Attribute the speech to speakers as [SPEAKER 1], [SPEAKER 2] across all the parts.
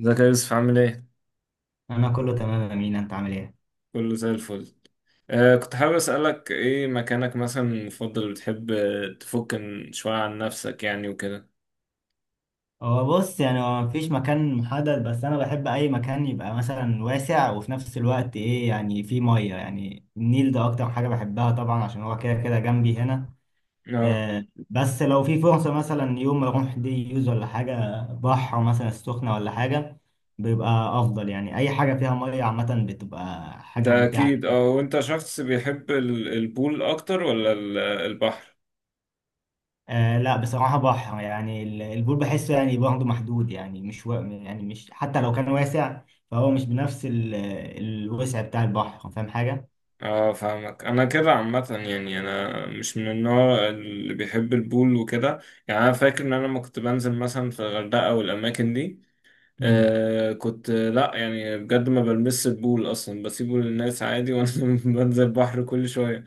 [SPEAKER 1] ازيك يا يوسف عامل ايه؟
[SPEAKER 2] انا كله تمام يا مينا، انت عامل ايه؟
[SPEAKER 1] كله زي الفل. كنت حابب اسألك، ايه مكانك مثلا المفضل اللي بتحب؟ تفك شوية عن نفسك يعني وكده.
[SPEAKER 2] هو بص، يعني هو مفيش مكان محدد، بس انا بحب اي مكان يبقى مثلا واسع وفي نفس الوقت ايه يعني فيه ميه، يعني النيل ده اكتر حاجه بحبها طبعا عشان هو كده كده جنبي هنا.
[SPEAKER 1] اه،
[SPEAKER 2] آه، بس لو في فرصه مثلا يوم اروح دي يوز ولا حاجه، بحر مثلا السخنه ولا حاجه، بيبقى افضل. يعني اي حاجه فيها ميه عامه بتبقى حاجه
[SPEAKER 1] ده
[SPEAKER 2] ممتعه.
[SPEAKER 1] اكيد. اه وانت شخص بيحب البول اكتر ولا البحر؟
[SPEAKER 2] آه لا، بصراحة بحر. يعني البول بحسه يعني برضه محدود، يعني مش و... يعني مش، حتى لو كان واسع فهو مش بنفس الوسع بتاع البحر. فاهم حاجة؟
[SPEAKER 1] اه، فاهمك. انا كده عامة، يعني انا مش من النوع اللي بيحب البول وكده. يعني انا فاكر ان انا لما كنت بنزل مثلا في الغردقة والاماكن دي،
[SPEAKER 2] مم.
[SPEAKER 1] كنت، لا يعني بجد، ما بلمس البول اصلا، بسيبه للناس عادي، وانا بنزل البحر كل شويه.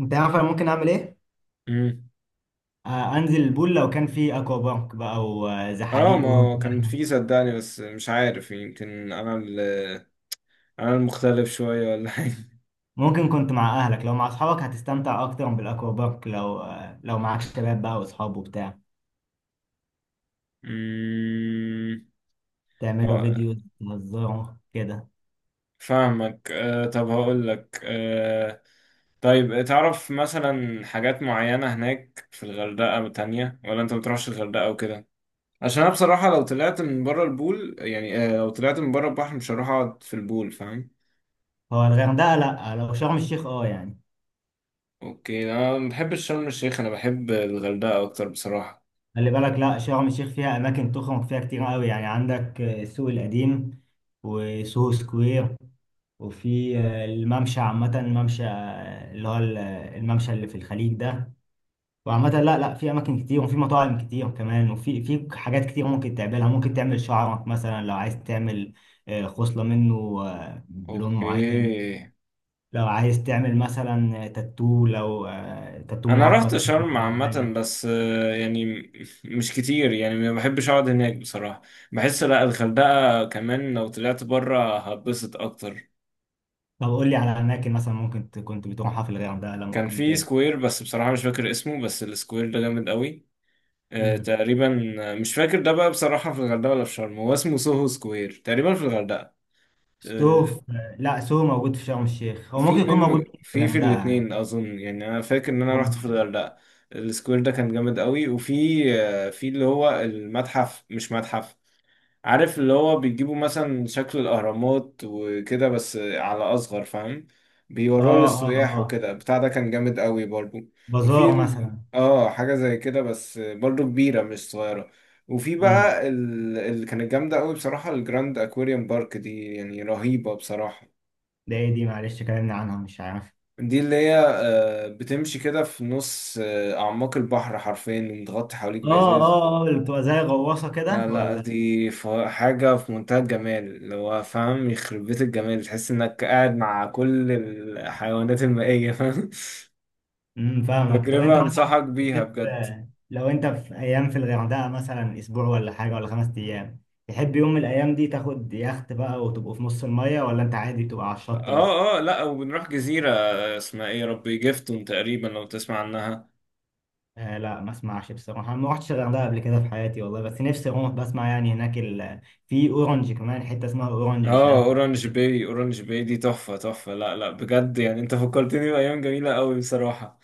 [SPEAKER 2] انت عارف انا ممكن اعمل ايه؟
[SPEAKER 1] مم.
[SPEAKER 2] آه، انزل البول لو كان في اكوا بارك بقى
[SPEAKER 1] اه، ما
[SPEAKER 2] وزحاليق.
[SPEAKER 1] هو كان في، صدقني، بس مش عارف، يمكن انا انا المختلف شويه ولا حاجه.
[SPEAKER 2] ممكن كنت مع اهلك، لو مع اصحابك هتستمتع اكتر بالاكوا بارك، لو لو معاك شباب بقى واصحاب وبتاع،
[SPEAKER 1] مم.
[SPEAKER 2] تعملوا
[SPEAKER 1] آه،
[SPEAKER 2] فيديو، تهزروا كده.
[SPEAKER 1] فاهمك. طب هقول لك. طيب، تعرف مثلا حاجات معينه هناك في الغردقه تانية، ولا انت ما بتروحش الغردقه وكده؟ عشان انا بصراحة لو طلعت من بره البول يعني، لو طلعت من بره البحر مش هروح اقعد في البول، فاهم.
[SPEAKER 2] هو الغردقة لا، لو شرم الشيخ اه يعني.
[SPEAKER 1] اوكي، انا ما بحبش شرم الشيخ، انا بحب الغردقة اكتر بصراحة.
[SPEAKER 2] خلي بالك، لا شرم الشيخ فيها اماكن تخرج فيها كتير قوي، يعني عندك السوق القديم وسوهو سكوير، وفي الممشى، عامه الممشى اللي هو الممشى اللي في الخليج ده. وعامه لا لا، في اماكن كتير وفي مطاعم كتير كمان، وفي حاجات كتير ممكن تعملها. ممكن تعمل شعرك مثلا، لو عايز تعمل خصله منه بلون معين.
[SPEAKER 1] اوكي،
[SPEAKER 2] لو عايز تعمل مثلا تاتو، لو تاتو
[SPEAKER 1] انا رحت
[SPEAKER 2] مؤقت
[SPEAKER 1] شرم
[SPEAKER 2] ولا
[SPEAKER 1] عامة،
[SPEAKER 2] حاجه.
[SPEAKER 1] بس يعني مش كتير، يعني ما بحبش اقعد هناك بصراحة. بحس لا، الغردقة كمان لو طلعت بره هتبسط اكتر.
[SPEAKER 2] طب قول لي على اماكن مثلا ممكن كنت بتروحها في الغردقه لما
[SPEAKER 1] كان
[SPEAKER 2] كنت.
[SPEAKER 1] في سكوير بس بصراحة مش فاكر اسمه، بس السكوير ده جامد قوي.
[SPEAKER 2] امم
[SPEAKER 1] تقريبا، مش فاكر ده بقى بصراحة في الغردقة ولا في شرم، هو اسمه سوهو سكوير تقريبا في الغردقة. آه،
[SPEAKER 2] سو في... لا، سو موجود في شرم الشيخ، هو
[SPEAKER 1] في
[SPEAKER 2] ممكن يكون
[SPEAKER 1] منه
[SPEAKER 2] موجود في
[SPEAKER 1] في
[SPEAKER 2] الغردقه يعني.
[SPEAKER 1] الاتنين أظن، يعني أنا فاكر إن أنا رحت في
[SPEAKER 2] ممكن.
[SPEAKER 1] الغردقة. السكوير ده كان جامد قوي، وفي آه، في اللي هو المتحف، مش متحف، عارف اللي هو بيجيبوا مثلا شكل الأهرامات وكده بس على أصغر، فاهم؟
[SPEAKER 2] اه،
[SPEAKER 1] بيوروه
[SPEAKER 2] اه،
[SPEAKER 1] للسياح
[SPEAKER 2] اه.
[SPEAKER 1] وكده بتاع. ده كان جامد قوي برضو. وفي
[SPEAKER 2] بازار مثلا.
[SPEAKER 1] حاجة زي كده بس برضو كبيرة مش صغيرة. وفي
[SPEAKER 2] امم
[SPEAKER 1] بقى اللي كانت جامدة قوي بصراحة، الجراند أكواريوم بارك دي، يعني رهيبة بصراحة.
[SPEAKER 2] ده ايه دي؟ معلش كلامنا عنها مش عارف.
[SPEAKER 1] دي اللي هي، بتمشي كده في نص أعماق البحر حرفيا، ومتغطي حواليك
[SPEAKER 2] اه،
[SPEAKER 1] بإزاز.
[SPEAKER 2] اه، اه، اللي بتبقى زي غواصه
[SPEAKER 1] لا
[SPEAKER 2] كده
[SPEAKER 1] لا،
[SPEAKER 2] ولا؟
[SPEAKER 1] دي حاجة في منتهى الجمال، اللي هو فاهم، يخرب بيت الجمال، تحس انك قاعد مع كل الحيوانات المائية فاهم
[SPEAKER 2] فاهمك. طب
[SPEAKER 1] تجربة
[SPEAKER 2] انت مثلا
[SPEAKER 1] انصحك بيها
[SPEAKER 2] تحب،
[SPEAKER 1] بجد.
[SPEAKER 2] لو انت في ايام في الغردقه مثلا اسبوع ولا حاجه ولا 5 ايام، تحب يوم من الايام دي تاخد يخت بقى وتبقوا في نص الميه، ولا انت عادي تبقى على الشط بس؟
[SPEAKER 1] اه اه، لا وبنروح جزيرة اسمها ايه يا ربي، جيفتون تقريبا، لو تسمع عنها.
[SPEAKER 2] آه لا، ما اسمعش بصراحة. ما رحتش الغردقة قبل كده في حياتي والله، بس نفسي اروح. بسمع يعني هناك في اورنج، كمان حتة اسمها اورنج، مش
[SPEAKER 1] اه،
[SPEAKER 2] عارف
[SPEAKER 1] اورانج
[SPEAKER 2] كده.
[SPEAKER 1] باي. اورانج باي دي تحفة تحفة، لا لا بجد، يعني انت فكرتني بأيام جميلة قوي بصراحة.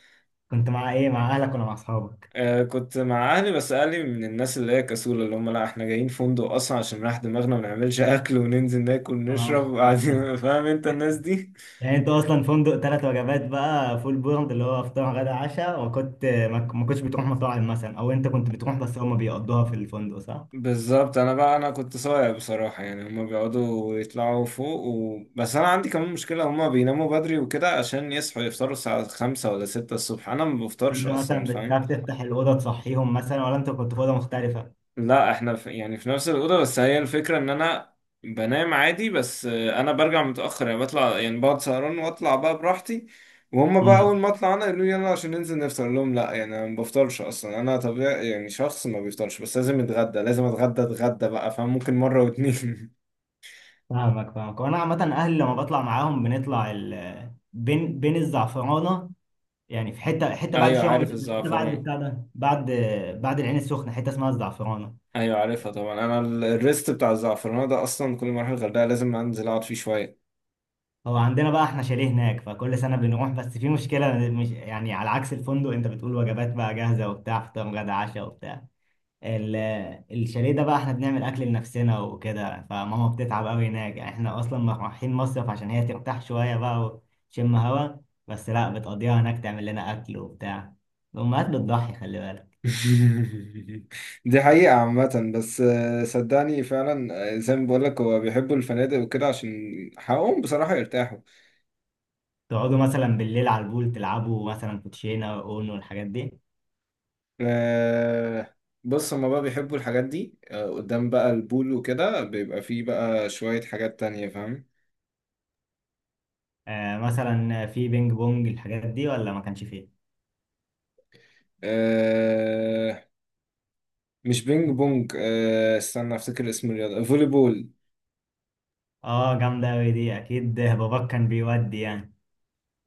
[SPEAKER 2] كنت مع ايه، مع اهلك ولا مع اصحابك؟
[SPEAKER 1] كنت مع أهلي، بس أهلي من الناس اللي هي كسولة، اللي هم لا، إحنا جايين فندق أصلا عشان نريح دماغنا، ما نعملش أكل وننزل ناكل
[SPEAKER 2] اه.
[SPEAKER 1] ونشرب وبعدين فاهم أنت الناس دي.
[SPEAKER 2] يعني انت اصلا فندق 3 وجبات بقى، فول بورد اللي هو فطار غدا عشاء، وكنت ما كنتش بتروح مطاعم مثلا، او انت كنت بتروح بس هما بيقضوها في الفندق، صح؟
[SPEAKER 1] بالظبط، أنا كنت صايع بصراحة، يعني هم بيقعدوا يطلعوا فوق بس أنا عندي كمان مشكلة، هم بيناموا بدري وكده عشان يصحوا يفطروا الساعة خمسة ولا ستة الصبح، أنا ما بفطرش
[SPEAKER 2] انت
[SPEAKER 1] أصلا.
[SPEAKER 2] مثلا بتخاف تفتح الأوضة تصحيهم مثلا، ولا انت كنت في أوضة مختلفة؟
[SPEAKER 1] لا احنا في، يعني في نفس الأوضة، بس هي الفكرة ان انا بنام عادي، بس انا برجع متأخر، يعني بطلع، يعني بقعد سهران واطلع بقى براحتي. وهم بقى اول ما اطلع انا يقولوا لي يلا عشان ننزل نفطر، أقول لهم لا، يعني انا ما بفطرش اصلا، انا طبيعي يعني شخص ما بيفطرش، بس لازم اتغدى، لازم اتغدى اتغدى بقى، فممكن مرة واتنين
[SPEAKER 2] فاهمك، فاهمك. وانا عامه اهلي لما بطلع معاهم بنطلع بين بين الزعفرانه. يعني في حته بعد
[SPEAKER 1] ايوه،
[SPEAKER 2] شرم،
[SPEAKER 1] عارف
[SPEAKER 2] حته بعد
[SPEAKER 1] الزعفران.
[SPEAKER 2] بتاع ده، بعد العين السخنه حته اسمها الزعفرانه.
[SPEAKER 1] ايوه عارفها طبعا، انا الريست بتاع الزعفران ده، اصلا كل ما اروح الغردقة لازم انزل اقعد فيه شوية.
[SPEAKER 2] هو عندنا بقى احنا شاليه هناك، فكل سنه بنروح. بس في مشكله، مش يعني على عكس الفندق انت بتقول وجبات بقى جاهزه وبتاع فطار غدا عشاء وبتاع، ال- الشاليه ده بقى احنا بنعمل اكل لنفسنا وكده، فماما بتتعب قوي هناك. يعني احنا اصلا رايحين مصيف عشان هي ترتاح شويه بقى وتشم هوا، بس لا، بتقضيها هناك تعمل لنا اكل وبتاع. الامهات بتضحي، خلي بالك.
[SPEAKER 1] دي حقيقة عامة، بس صدقني فعلا، زي ما بقولك، هو بيحبوا الفنادق وكده، عشان حقهم بصراحة يرتاحوا.
[SPEAKER 2] تقعدوا مثلا بالليل على البول، تلعبوا مثلا كوتشينه واونو والحاجات دي؟
[SPEAKER 1] آه، بص، هما بقى بيحبوا الحاجات دي، قدام بقى البول وكده بيبقى فيه بقى شوية حاجات تانية، فاهم.
[SPEAKER 2] آه، مثلا في بينج بونج الحاجات دي ولا ما كانش فيه؟
[SPEAKER 1] آه، مش بينج بونج، استنى افتكر اسم الرياضة، فولي بول.
[SPEAKER 2] اه، جامده قوي دي. اكيد باباك كان بيودي يعني.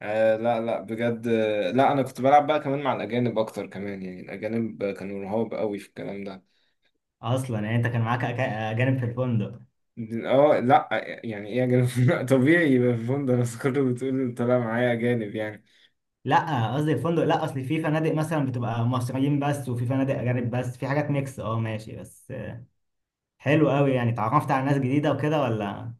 [SPEAKER 1] آه، لا لا بجد، لا، انا كنت بلعب بقى كمان مع الاجانب اكتر كمان، يعني الاجانب كانوا رهاب قوي في الكلام ده.
[SPEAKER 2] اصلا يعني انت كان معاك اجانب في الفندق؟
[SPEAKER 1] اه لا، يعني ايه اجانب طبيعي يبقى في فندق ناس، كله بتقول طلع معايا اجانب يعني.
[SPEAKER 2] لا قصدي الفندق، لا اصل في فنادق مثلا بتبقى مصريين بس وفي فنادق اجانب بس، في حاجات ميكس. اه ماشي. بس حلو قوي، يعني اتعرفت على ناس جديده وكده ولا؟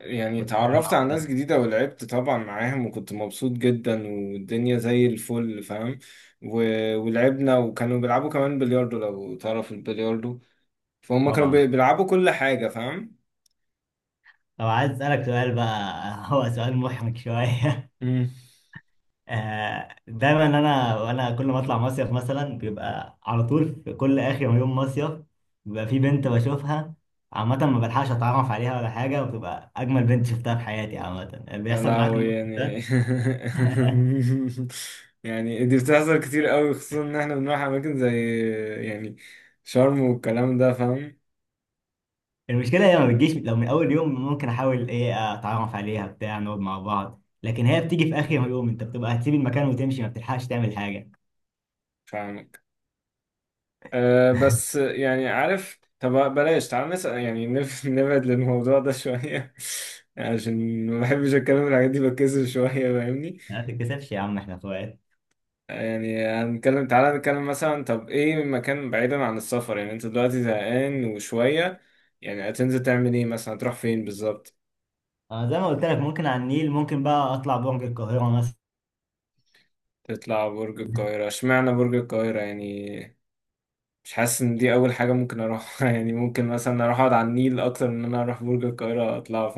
[SPEAKER 1] يعني
[SPEAKER 2] كنت طالع
[SPEAKER 1] اتعرفت
[SPEAKER 2] معاهم
[SPEAKER 1] على ناس
[SPEAKER 2] بس؟
[SPEAKER 1] جديدة، ولعبت طبعا معاهم وكنت مبسوط جدا والدنيا زي الفل، فاهم. و... ولعبنا، وكانوا بيلعبوا كمان بلياردو، لو تعرف البلياردو. فهم كانوا
[SPEAKER 2] طبعا.
[SPEAKER 1] بيلعبوا كل حاجة، فاهم.
[SPEAKER 2] طب عايز اسالك سؤال بقى. هو سؤال محرج شويه.
[SPEAKER 1] مم.
[SPEAKER 2] دايما انا كل ما اطلع مصيف مثلا بيبقى على طول في كل اخر يوم مصيف، بيبقى في بنت بشوفها. عامة ما بلحقش اتعرف عليها ولا حاجة، وبتبقى اجمل بنت شفتها في حياتي عامة.
[SPEAKER 1] يا
[SPEAKER 2] بيحصل معاك
[SPEAKER 1] لهوي
[SPEAKER 2] الموقف
[SPEAKER 1] يعني
[SPEAKER 2] ده؟
[SPEAKER 1] يعني دي بتحصل كتير قوي، خصوصا ان احنا بنروح اماكن زي، يعني شرم والكلام ده فاهم.
[SPEAKER 2] المشكلة هي ما بتجيش. لو من أول يوم ممكن أحاول إيه، أتعرف عليها بتاع نقعد مع بعض، لكن هي بتيجي في آخر يوم، أنت بتبقى هتسيب المكان وتمشي، ما بتلحقش تعمل حاجة.
[SPEAKER 1] فاهمك، بس يعني عارف، طب بلاش، تعال نسأل، يعني نبعد للموضوع ده شوية. عشان ما بحبش اتكلم في الحاجات دي، بتكسف شوية، فاهمني.
[SPEAKER 2] ما تتكسفش يا عم، إحنا إخوات.
[SPEAKER 1] يعني هنتكلم، تعالى نتكلم مثلا، طب ايه مكان بعيدا عن السفر؟ يعني انت دلوقتي زهقان وشوية، يعني هتنزل تعمل ايه مثلا، هتروح فين بالظبط؟
[SPEAKER 2] أنا زي ما قلت لك ممكن على النيل، ممكن بقى أطلع برج القاهرة مثلا.
[SPEAKER 1] تطلع برج القاهرة، اشمعنى برج القاهرة يعني؟ مش حاسس ان دي اول حاجة ممكن اروحها يعني ممكن مثلا اروح اقعد على النيل اكتر من ان انا اروح برج القاهرة اطلع.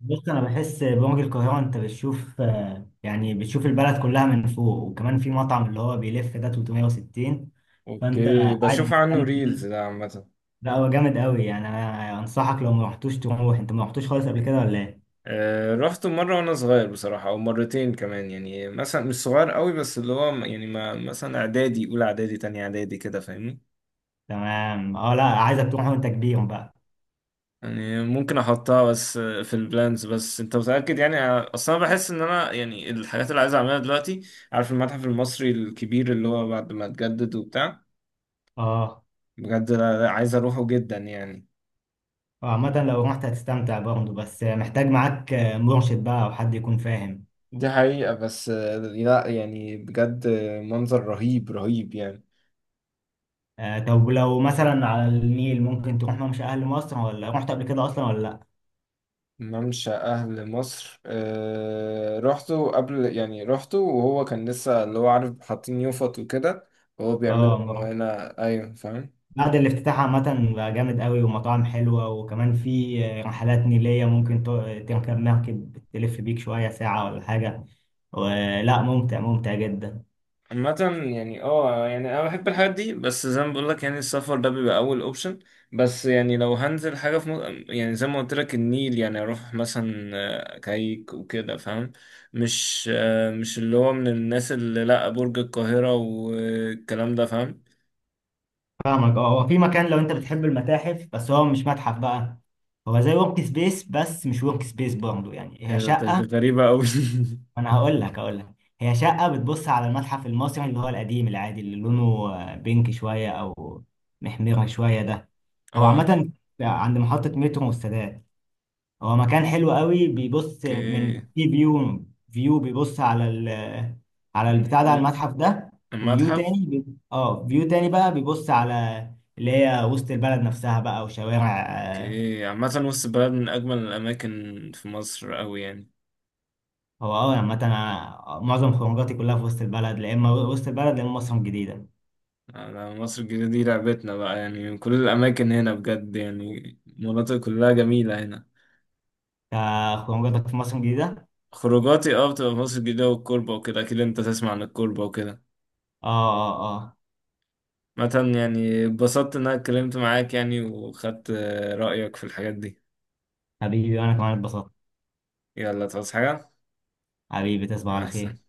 [SPEAKER 2] بص أنا بحس برج القاهرة، أنت بتشوف يعني بتشوف البلد كلها من فوق، وكمان في مطعم اللي هو بيلف ده 360، فأنت
[SPEAKER 1] اوكي،
[SPEAKER 2] قاعد
[SPEAKER 1] بشوف عنه
[SPEAKER 2] مستمتع.
[SPEAKER 1] ريلز ده عامة.
[SPEAKER 2] لا هو جامد قوي، يعني أنا أنصحك لو ما رحتوش تروح. أنت ما رحتوش خالص قبل كده ولا إيه؟
[SPEAKER 1] رحته مرة وانا صغير بصراحة، او مرتين كمان، يعني مثلا مش صغير قوي، بس اللي هو يعني، ما مثلا اعدادي اولى، اعدادي تانية، اعدادي كده، فاهمني.
[SPEAKER 2] تمام، اه لا، عايزك تروح وانت كبير بقى.
[SPEAKER 1] يعني ممكن احطها بس في البلانز، بس انت متأكد يعني؟ اصلا أنا بحس ان انا، يعني الحاجات اللي عايز اعملها دلوقتي، عارف المتحف المصري الكبير اللي هو بعد ما اتجدد وبتاع،
[SPEAKER 2] اه.
[SPEAKER 1] بجد أنا عايز اروحه جدا يعني.
[SPEAKER 2] عامة لو رحت هتستمتع برضه، بس محتاج معاك مرشد بقى او حد يكون فاهم.
[SPEAKER 1] دي حقيقة، بس لا يعني بجد، منظر رهيب رهيب يعني.
[SPEAKER 2] آه، طب لو مثلا على النيل ممكن تروح ممشى اهل مصر، ولا رحت قبل كده اصلا ولا لا؟
[SPEAKER 1] ممشى أهل مصر، رحته قبل، يعني رحته وهو كان لسه اللي هو، عارف، حاطين يوفط وكده وهو
[SPEAKER 2] اه،
[SPEAKER 1] بيعملوا
[SPEAKER 2] مرة.
[SPEAKER 1] هنا، أيوة فاهم.
[SPEAKER 2] بعد الافتتاح عامة بقى جامد قوي ومطاعم حلوة، وكمان في رحلات نيلية ممكن تركب مركب تلف بيك شوية ساعة ولا حاجة ولا، ممتع ممتع جدا.
[SPEAKER 1] عامة يعني، يعني أنا بحب الحاجات دي، بس زي ما بقولك يعني، السفر ده بيبقى أول أوبشن. بس يعني لو هنزل حاجة في مصر، يعني زي ما قلت لك، النيل، يعني أروح مثلا كايك وكده فاهم. مش، مش اللي هو من الناس اللي لأ برج القاهرة والكلام ده، فاهم.
[SPEAKER 2] فاهمك. اه هو في مكان، لو انت بتحب المتاحف، بس هو مش متحف بقى. هو زي ورك سبيس بس مش ورك سبيس برضه، يعني هي
[SPEAKER 1] ده
[SPEAKER 2] شقة.
[SPEAKER 1] غريبة أوي.
[SPEAKER 2] انا هقول لك. هي شقة بتبص على المتحف المصري اللي هو القديم العادي، اللي لونه بينك شوية او محمر شوية ده. هو
[SPEAKER 1] اه،
[SPEAKER 2] عامة عند محطة مترو والسادات، هو مكان حلو قوي بيبص من
[SPEAKER 1] اوكي،
[SPEAKER 2] في فيو. فيو بيبص على على البتاع ده، على المتحف ده. وفيو
[SPEAKER 1] المتحف،
[SPEAKER 2] تاني بي... اه فيو تاني بقى بيبص على اللي هي وسط البلد نفسها بقى وشوارع
[SPEAKER 1] اوكي. عامة وسط البلد من أجمل الأماكن في مصر أوي يعني.
[SPEAKER 2] هو اه عامة، أنا معظم خروجاتي كلها في وسط البلد، لا اما وسط البلد لا اما مصر الجديدة.
[SPEAKER 1] على مصر الجديدة، دي لعبتنا بقى، يعني كل الأماكن هنا بجد، يعني المناطق كلها جميلة هنا.
[SPEAKER 2] خروجاتك في مصر الجديدة؟
[SPEAKER 1] خروجاتي، بتبقى في مصر الجديدة والكوربة وكده، أكيد أنت تسمع عن الكوربة وكده.
[SPEAKER 2] اه، اه، اه.
[SPEAKER 1] مثلا يعني اتبسطت إن أنا اتكلمت معاك يعني، وخدت رأيك في الحاجات دي.
[SPEAKER 2] حبيبي، وانا كمان اتبسطت.
[SPEAKER 1] يلا، تعوز حاجة؟
[SPEAKER 2] حبيبي، تصبح
[SPEAKER 1] مع
[SPEAKER 2] على خير.
[SPEAKER 1] السلامة.